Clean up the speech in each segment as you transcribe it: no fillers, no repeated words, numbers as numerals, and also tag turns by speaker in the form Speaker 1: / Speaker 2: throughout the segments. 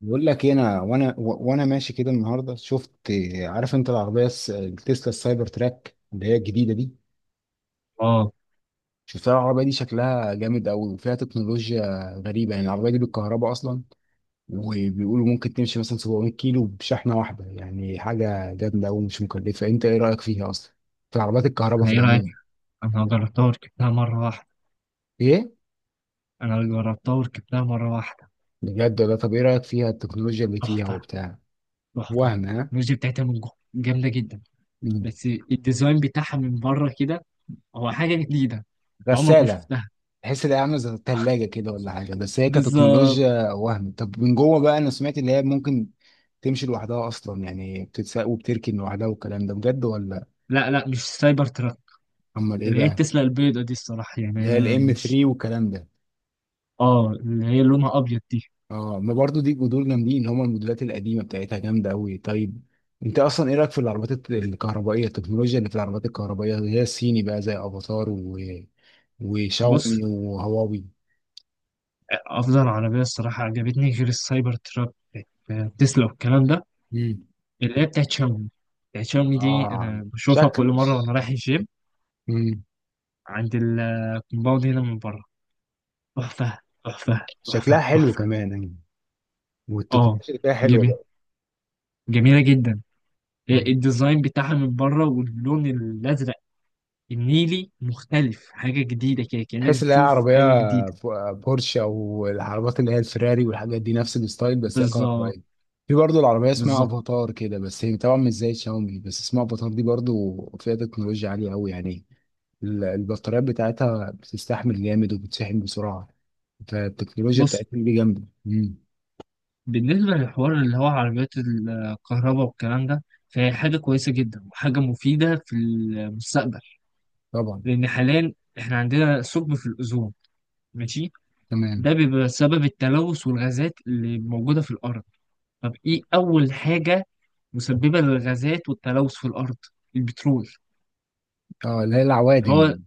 Speaker 1: بقول لك إيه، انا وانا و- وانا ماشي كده النهارده شفت. عارف انت العربيه التسلا السايبر تراك اللي هي الجديده دي؟
Speaker 2: اه.
Speaker 1: شفتها العربيه دي شكلها جامد قوي وفيها تكنولوجيا غريبه، يعني العربيه دي بالكهرباء اصلا. وبيقولوا ممكن تمشي مثلا 700 كيلو بشحنه واحده، يعني حاجه جامده قوي مش مكلفه. انت ايه رايك فيها اصلا، في العربيات الكهرباء
Speaker 2: انا
Speaker 1: في
Speaker 2: ايه رايك؟
Speaker 1: العموم؟
Speaker 2: انا جربتها وركبتها مره واحده.
Speaker 1: ايه،
Speaker 2: انا جربتها وركبتها مره واحده.
Speaker 1: بجد ولا؟ طب ايه رايك فيها، التكنولوجيا اللي فيها
Speaker 2: تحفه،
Speaker 1: وبتاع؟
Speaker 2: تحفه.
Speaker 1: وهم ها؟
Speaker 2: الميوزي بتاعتها من جوه جامده جدا.
Speaker 1: مم.
Speaker 2: بس الديزاين بتاعها من بره كده هو حاجه جديده، أنت عمرك ما
Speaker 1: غساله.
Speaker 2: شفتها.
Speaker 1: تحس ان هي عامله زي الثلاجه كده ولا حاجه، بس هي
Speaker 2: بالظبط.
Speaker 1: كتكنولوجيا وهم. طب من جوه بقى، انا سمعت ان هي ممكن تمشي لوحدها اصلا، يعني بتتساق وبتركن لوحدها، والكلام ده بجد ولا؟
Speaker 2: لا لا، مش سايبر تراك.
Speaker 1: امال ايه
Speaker 2: اللي هي
Speaker 1: بقى؟
Speaker 2: تسلا البيضه دي الصراحه، يعني
Speaker 1: اللي هي
Speaker 2: انا
Speaker 1: الام
Speaker 2: مش.
Speaker 1: 3 والكلام ده.
Speaker 2: اه، اللي هي لونها ابيض دي.
Speaker 1: اه، ما برضو دي جذور جامدين، اللي هم الموديلات القديمه بتاعتها جامده قوي. طيب، انت اصلا ايه رايك في العربيات الكهربائيه، التكنولوجيا اللي في العربيات الكهربائيه، اللي هي الصيني بقى زي افاتار
Speaker 2: بص،
Speaker 1: وشاومي وهواوي؟
Speaker 2: افضل عربيه الصراحه عجبتني غير السايبر تراك بتاعت تسلا والكلام ده،
Speaker 1: مم.
Speaker 2: اللي هي بتاعت شاومي. بتاعت شاومي دي
Speaker 1: اه،
Speaker 2: انا بشوفها كل
Speaker 1: شكل،
Speaker 2: مره وانا رايح الجيم عند الكومباوند هنا من بره. تحفة، تحفة،
Speaker 1: شكلها
Speaker 2: تحفة،
Speaker 1: حلو
Speaker 2: تحفة.
Speaker 1: كمان يعني،
Speaker 2: اه،
Speaker 1: والتكنولوجيا اللي فيها حلوه
Speaker 2: جميل.
Speaker 1: بقى.
Speaker 2: جميلة جدا. الديزاين بتاعها من بره واللون الأزرق النيلي مختلف، حاجة جديدة كده كأنك
Speaker 1: تحس ان هي
Speaker 2: بتشوف
Speaker 1: عربيه
Speaker 2: حاجة جديدة.
Speaker 1: بورشه او العربيات اللي هي الفيراري والحاجات دي، نفس الستايل بس هي
Speaker 2: بالظبط.
Speaker 1: كهربائيه. في برضه العربيه اسمها
Speaker 2: بالظبط.
Speaker 1: افاتار كده، بس هي طبعا مش زي شاومي، بس اسمها افاتار دي برضه فيها تكنولوجيا عاليه قوي يعني. البطاريات بتاعتها بتستحمل جامد وبتشحن بسرعه، فالتكنولوجيا
Speaker 2: بص،
Speaker 1: بتاعتهم دي جامده. مم.
Speaker 2: بالنسبة للحوار اللي هو عربيات الكهرباء والكلام ده، فهي حاجة كويسة جدا وحاجة مفيدة في المستقبل.
Speaker 1: طبعا.
Speaker 2: لأن حاليا احنا عندنا ثقب في الأوزون، ماشي.
Speaker 1: تمام.
Speaker 2: ده بيبقى بسبب التلوث والغازات اللي موجودة في الأرض. طب إيه أول حاجة مسببة للغازات والتلوث في الأرض؟ البترول.
Speaker 1: اه اللي هي
Speaker 2: اللي
Speaker 1: العوادم
Speaker 2: هو،
Speaker 1: يعني.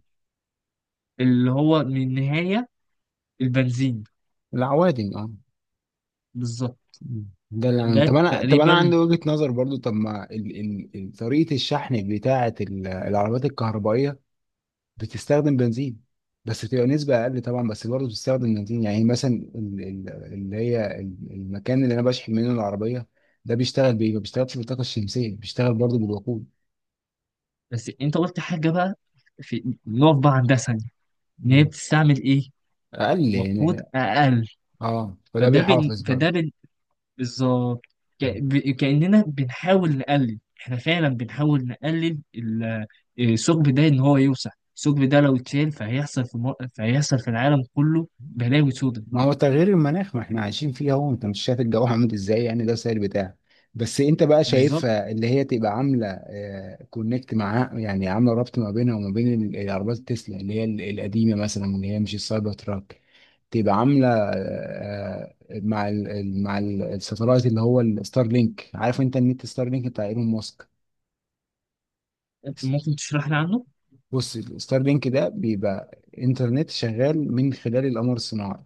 Speaker 2: اللي هو من النهاية، البنزين.
Speaker 1: العوادم اه.
Speaker 2: بالظبط.
Speaker 1: ده اللي أنا- طب
Speaker 2: ده
Speaker 1: انا طب انا
Speaker 2: تقريبا.
Speaker 1: عندي وجهة نظر برضو. طب ما طريقة الشحن بتاعة العربيات الكهربائية بتستخدم بنزين، بس بتبقى نسبة اقل طبعا، بس برضو بتستخدم بنزين. يعني مثلا اللي هي المكان اللي انا بشحن منه العربية ده بيشتغل بايه؟ ما بيشتغلش بالطاقة الشمسية، بيشتغل برضو بالوقود.
Speaker 2: بس أنت قلت حاجة بقى، في نقف بقى عندها ثانية. إن هي
Speaker 1: مم.
Speaker 2: بتستعمل إيه؟
Speaker 1: اقل
Speaker 2: وقود
Speaker 1: يعني.
Speaker 2: أقل.
Speaker 1: اه، فده
Speaker 2: فده بن...
Speaker 1: بيحافظ برضو.
Speaker 2: فده بن... بالظبط كأننا بنحاول نقلل، إحنا فعلا بنحاول نقلل الثقب ده إن هو يوسع. الثقب ده لو اتشال فهيحصل في العالم كله بلاوي سودة.
Speaker 1: ما هو تغيير المناخ ما احنا عايشين فيه اهو، انت مش شايف الجو عامل ازاي؟ يعني ده السائل بتاعك، بس انت بقى
Speaker 2: بالظبط.
Speaker 1: شايفها اللي هي تبقى عامله كونكت معاها، يعني عامله ربط ما بينها وما بين العربيات التسلا اللي هي القديمه مثلا، اللي هي مش السايبر تراك، تبقى عامله مع الساتلايت اللي هو الستار لينك. عارف انت النت ستار لينك بتاع ايلون ماسك؟
Speaker 2: ممكن تشرح لي عنه.
Speaker 1: بص، الستار لينك ده بيبقى انترنت شغال من خلال القمر الصناعي،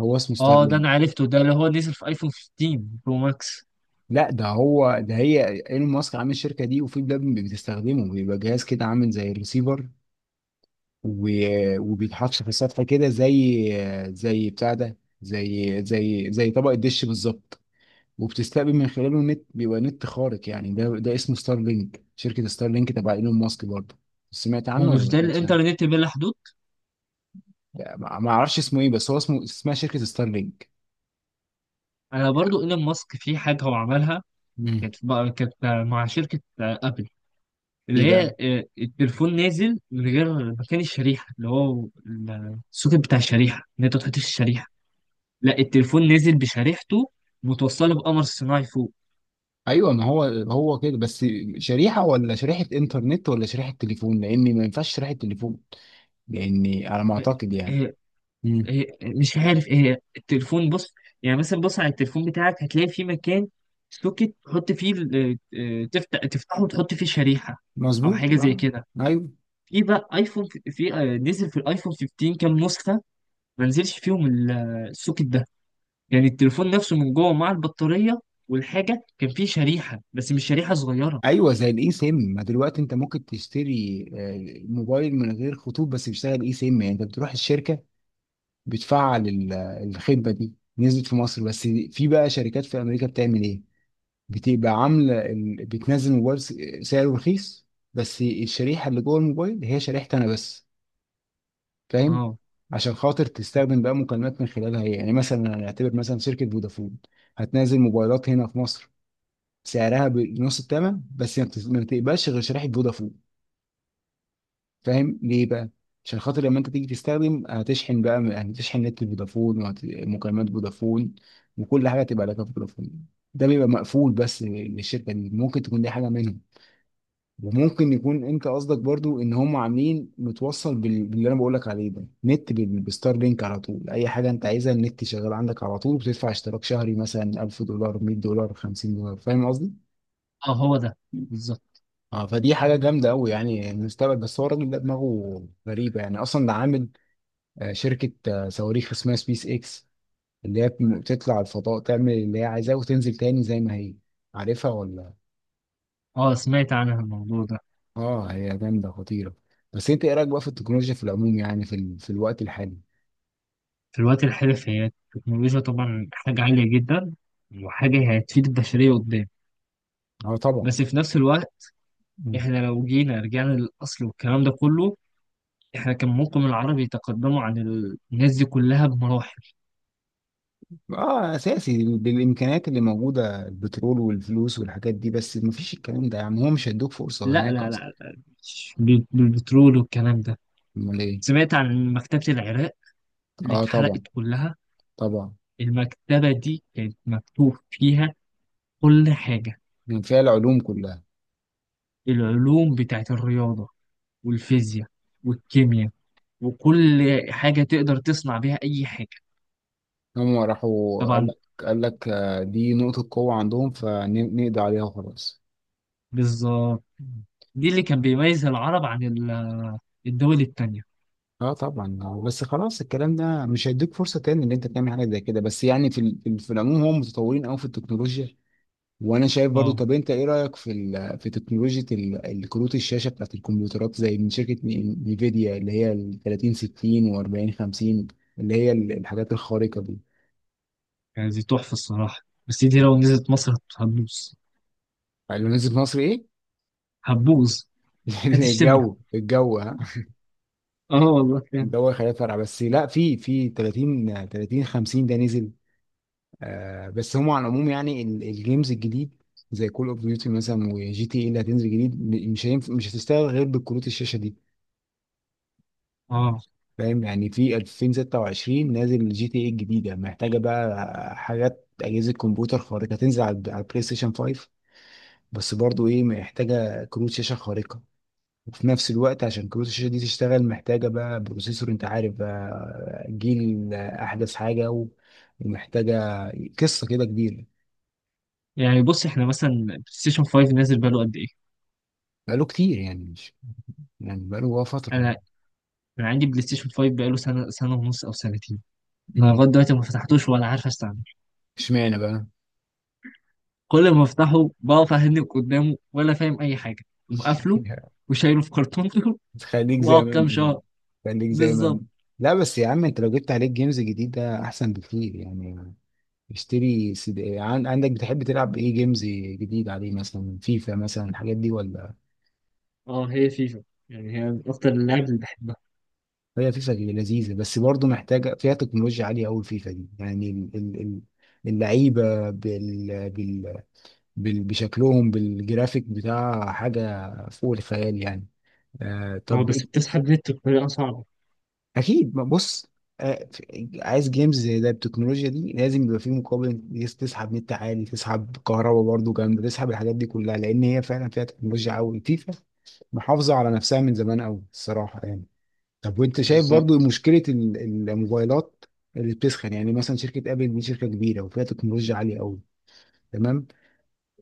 Speaker 1: هو اسمه ستار
Speaker 2: اه، ده
Speaker 1: لينك.
Speaker 2: انا عرفته، ده اللي هو نزل في ايفون 15 برو ماكس.
Speaker 1: لا، ده هو ده، هي ايلون ماسك عامل الشركه دي، وفي بلاد بتستخدمه، بيبقى جهاز كده عامل زي الريسيفر، وبيتحط في السطح كده زي زي بتاع ده، زي طبق الدش بالظبط. وبتستقبل من خلاله نت، بيبقى نت خارق يعني. ده ده اسمه ستار لينك، شركه ستار لينك تبع ايلون ماسك برضه. سمعت
Speaker 2: هو
Speaker 1: عنه ولا
Speaker 2: مش
Speaker 1: ما
Speaker 2: ده
Speaker 1: سمعتش عنه؟
Speaker 2: الانترنت بلا حدود؟
Speaker 1: لا، ما اعرفش اسمه ايه، بس هو اسمه، اسمها شركه ستار لينك.
Speaker 2: انا برضو ايلون ماسك في حاجه هو عملها،
Speaker 1: مم.
Speaker 2: كانت بقى، كانت مع شركه ابل اللي
Speaker 1: يبقى
Speaker 2: هي التليفون نازل من غير مكان الشريحه، اللي هو السوكت بتاع الشريحه ان انت تحطش الشريحه. لا، التليفون نازل بشريحته متوصله بقمر صناعي فوق.
Speaker 1: ايوه، ما هو هو كده. بس شريحه ولا شريحه انترنت ولا شريحه تليفون؟ لان ما ينفعش شريحه تليفون، لاني على ما
Speaker 2: آه،
Speaker 1: اعتقد يعني.
Speaker 2: آه،
Speaker 1: مم.
Speaker 2: هي مش عارف ايه هي. التليفون، بص، يعني مثلا بص على التليفون بتاعك هتلاقي فيه مكان سوكت تحط فيه تفتح، تفتحه وتحط فيه شريحة او
Speaker 1: مظبوط
Speaker 2: حاجة زي
Speaker 1: آه.
Speaker 2: كده.
Speaker 1: ايوه.
Speaker 2: في بقى ايفون نزل في الايفون 15 كام نسخة ما نزلش فيهم السوكت ده. يعني التليفون نفسه من جوه مع البطارية والحاجة كان فيه شريحة، بس مش شريحة صغيرة.
Speaker 1: ايوه، زي الاي سيم. ما دلوقتي انت ممكن تشتري موبايل من غير خطوط، بس بيشتغل اي سيم. يعني انت بتروح الشركه بتفعل الخدمه دي. نزلت في مصر، بس في بقى شركات في امريكا بتعمل ايه، بتبقى عامله بتنزل موبايل سعره رخيص، بس الشريحه اللي جوه الموبايل هي شريحتي انا بس، فاهم؟
Speaker 2: اه.
Speaker 1: عشان خاطر تستخدم بقى مكالمات من خلالها هي. يعني مثلا هنعتبر مثلا شركة فودافون هتنزل موبايلات هنا في مصر سعرها بنص الثمن، بس ما بتقبلش غير شريحة فودافون. فاهم ليه بقى؟ عشان خاطر لما انت تيجي تستخدم هتشحن بقى، هتشحن نت فودافون ومكالمات فودافون، وكل حاجة تبقى لك فودافون. ده بيبقى مقفول بس للشركة دي. ممكن تكون دي حاجة منهم، وممكن يكون انت قصدك برضو ان هم عاملين متوصل باللي انا بقول لك عليه ده، نت بالستار لينك على طول. اي حاجه انت عايزها النت شغال عندك على طول، بتدفع اشتراك شهري مثلا 1000 دولار، 100 دولار، 50 دولار. فاهم قصدي؟
Speaker 2: اه، هو ده. بالظبط.
Speaker 1: اه، فدي حاجه جامده قوي يعني، المستقبل. بس هو الراجل ده دماغه غريبه يعني، اصلا ده عامل شركه صواريخ اسمها سبيس اكس، اللي هي بتطلع الفضاء تعمل اللي هي عايزاه وتنزل تاني زي ما هي. عارفها ولا؟
Speaker 2: اه، سمعت عنها الموضوع ده.
Speaker 1: اه، هي جامده خطيره. بس انت ايه رايك بقى في التكنولوجيا في العموم، يعني في الوقت الحالي؟
Speaker 2: في الوقت الحالي هي التكنولوجيا طبعا حاجة عالية جدا، وحاجة هتفيد البشرية قدام.
Speaker 1: اه طبعا.
Speaker 2: بس في نفس الوقت
Speaker 1: مم.
Speaker 2: احنا لو جينا رجعنا للأصل والكلام ده كله، احنا كان ممكن العرب يتقدموا عن الناس دي كلها بمراحل.
Speaker 1: اه اساسي، بالامكانيات اللي موجوده، البترول والفلوس والحاجات دي، بس مفيش الكلام ده يعني، هو مش هيدوك فرصه
Speaker 2: لا
Speaker 1: هناك
Speaker 2: لا
Speaker 1: اصلا.
Speaker 2: لا، مش بالبترول والكلام ده.
Speaker 1: امال ايه؟
Speaker 2: سمعت عن مكتبة العراق اللي
Speaker 1: اه طبعا.
Speaker 2: اتحرقت كلها؟
Speaker 1: طبعا.
Speaker 2: المكتبة دي كانت مكتوب فيها كل حاجة.
Speaker 1: كان فيها العلوم كلها.
Speaker 2: العلوم بتاعت الرياضة والفيزياء والكيمياء وكل حاجة تقدر تصنع بيها أي حاجة.
Speaker 1: هم راحوا قال
Speaker 2: طبعا.
Speaker 1: لك، قال لك دي نقطه قوه عندهم، فنقضي عليها وخلاص.
Speaker 2: بالظبط.
Speaker 1: مم.
Speaker 2: دي اللي كان بيميز العرب عن الدول التانية.
Speaker 1: اه طبعا. بس خلاص الكلام ده مش هيديك فرصه تاني ان انت تعمل حاجه زي كده. بس يعني في العموم هم متطورين قوي في التكنولوجيا. وانا شايف برضو.
Speaker 2: اه.
Speaker 1: طب انت ايه رايك في في تكنولوجيا الكروت الشاشه بتاعت الكمبيوترات زي من شركه نيفيديا، اللي هي ال 30 60 و40 50، اللي هي الحاجات الخارقه دي؟
Speaker 2: يعني دي تحفة الصراحة، بس دي لو نزلت مصر هتبوظ.
Speaker 1: اللي نزلت مصر ايه؟
Speaker 2: هتبوظ. هتشتمنا.
Speaker 1: الجو، الجو ها.
Speaker 2: اه والله فعلا.
Speaker 1: الجو، خليها فرع بس. لا، في في 30 30 50 ده نزل. آه، بس هم على العموم يعني الجيمز الجديد زي كول اوف ديوتي مثلا، وجي تي اي اللي هتنزل جديد، مش هينفع، مش هتشتغل غير بالكروت الشاشه دي.
Speaker 2: اه،
Speaker 1: فاهم؟ يعني في 2026 نازل جي تي اي الجديده، محتاجه بقى حاجات اجهزه كمبيوتر خارقه. هتنزل على على البلاي ستيشن 5، بس برضو ايه، محتاجه كروت شاشه خارقه. وفي نفس الوقت عشان كروت الشاشه دي تشتغل محتاجه بقى بروسيسور، انت عارف بقى جيل احدث حاجه، ومحتاجه، قصه كده كبيره.
Speaker 2: يعني بص، احنا مثلا بلاي ستيشن 5 نازل بقاله قد ايه؟
Speaker 1: بقاله كتير يعني، مش يعني بقاله بقى فتره.
Speaker 2: انا انا عندي بلاي ستيشن 5 بقاله سنة، سنة ونص او سنتين. انا
Speaker 1: مم.
Speaker 2: لغاية دلوقتي ما فتحتوش ولا عارف استعمله.
Speaker 1: اشمعنى بقى؟
Speaker 2: كل ما افتحه بقف اهنك قدامه ولا فاهم اي حاجة، مقفله وشايله في كرتونته.
Speaker 1: خليك زي
Speaker 2: واقعد
Speaker 1: ما
Speaker 2: كام
Speaker 1: انت كده.
Speaker 2: شهر.
Speaker 1: خليك زي ما انت.
Speaker 2: بالظبط.
Speaker 1: لا بس يا عم انت لو جبت عليك جيمز جديدة احسن بكتير يعني. اشتري سي دي عندك، بتحب تلعب ايه جيمز جديد عليه؟ مثلا فيفا مثلا، الحاجات دي ولا؟
Speaker 2: اه هي فيفا، يعني هي من أكتر اللعب اللي بحبها.
Speaker 1: هي فيفا لذيذة، بس برضه محتاجة فيها تكنولوجيا عالية قوي. الفيفا دي يعني اللعيبة بشكلهم بالجرافيك بتاع، حاجة فوق الخيال يعني. آه
Speaker 2: هو
Speaker 1: طب،
Speaker 2: بس بتسحب نت بطريقة صعبة.
Speaker 1: اكيد، ما بص. عايز جيمز زي ده التكنولوجيا دي لازم يبقى فيه مقابل. تسحب نت عالي، تسحب كهرباء برضه جامده، تسحب الحاجات دي كلها، لان هي فعلا فيها تكنولوجيا قوي. فيفا محافظه على نفسها من زمان قوي الصراحه يعني. طب وانت شايف برضه
Speaker 2: بالظبط.
Speaker 1: مشكله الموبايلات اللي بتسخن؟ يعني مثلا شركه ابل دي شركه كبيره وفيها تكنولوجيا عاليه قوي، تمام،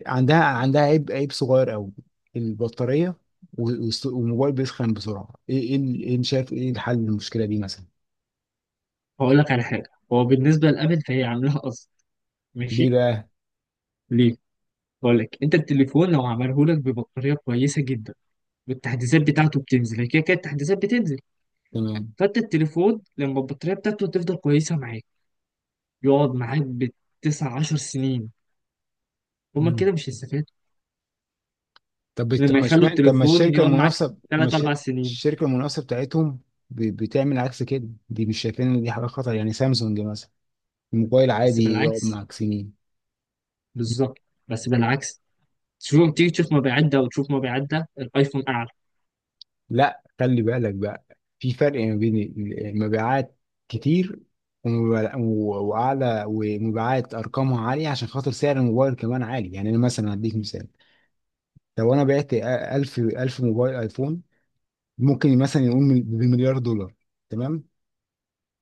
Speaker 1: عندها عيب، عيب صغير قوي، البطاريه، و- والموبايل بيسخن بسرعه. ايه ايه إيه، شايف ايه الحل للمشكله دي مثلا؟
Speaker 2: هقول لك على حاجة، هو بالنسبة لأبل فهي عاملاها قصد،
Speaker 1: ليه
Speaker 2: ماشي.
Speaker 1: بقى؟
Speaker 2: ليه؟ هقول لك، أنت التليفون لو عمله لك ببطارية كويسة جدا، والتحديثات بتاعته بتنزل، هي كده كده التحديثات بتنزل.
Speaker 1: تمام.
Speaker 2: فأنت التليفون لما البطارية بتاعته تفضل كويسة معاك، يقعد معاك بالتسع عشر سنين، هما
Speaker 1: مم.
Speaker 2: كده مش هيستفادوا.
Speaker 1: طب طب
Speaker 2: لما
Speaker 1: ما
Speaker 2: يخلوا
Speaker 1: اشمعنى، طب ما
Speaker 2: التليفون
Speaker 1: الشركه
Speaker 2: يقعد معاك
Speaker 1: المنافسه، ما
Speaker 2: تلات
Speaker 1: الش-
Speaker 2: أربع سنين
Speaker 1: الشركه المنافسه بتاعتهم بتعمل عكس كده، دي مش شايفين ان دي حاجه خطر؟ يعني سامسونج مثلا الموبايل
Speaker 2: بس
Speaker 1: عادي يقعد
Speaker 2: بالعكس.
Speaker 1: معاك سنين.
Speaker 2: بالظبط. بس بالعكس، المهم تيجي تشوف مبيعات ده وتشوف مبيعات ده، الايفون اعلى.
Speaker 1: لا، خلي بالك بقى، في فرق ما بين المبيعات كتير، وأعلى، ومبيعات أرقامها عالية عشان خاطر سعر الموبايل كمان عالي. يعني أنا مثلا هديك مثال، لو أنا بعت 1000 1000 موبايل أيفون، ممكن مثلا يقوم بمليار دولار. تمام.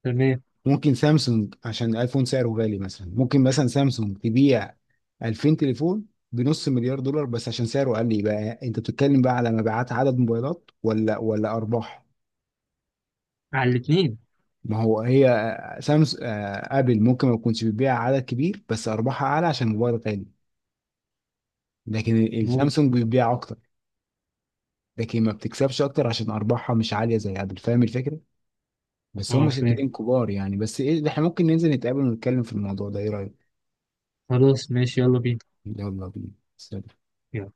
Speaker 2: تمام.
Speaker 1: ممكن سامسونج، عشان الايفون سعره غالي مثلا، ممكن مثلا سامسونج تبيع 2000 تليفون بنص مليار دولار بس عشان سعره قل. يبقى انت بتتكلم بقى على مبيعات عدد موبايلات ولا ارباح؟
Speaker 2: على الاثنين.
Speaker 1: ما هو هي سامسونج، ابل ممكن ما تكونش بتبيع عدد كبير بس ارباحها اعلى عشان الموبايل غالي. لكن
Speaker 2: ممكن.
Speaker 1: السامسونج بتبيع اكتر، لكن ما بتكسبش اكتر عشان ارباحها مش عاليه زي ابل. فاهم الفكره؟ بس هم
Speaker 2: اه، فاهم.
Speaker 1: شركتين كبار يعني. بس ايه، ده احنا ممكن ننزل نتقابل ونتكلم في الموضوع ده، ايه رايك؟
Speaker 2: خلاص ماشي، يلا بينا.
Speaker 1: يلا بينا. سلام.
Speaker 2: يلا.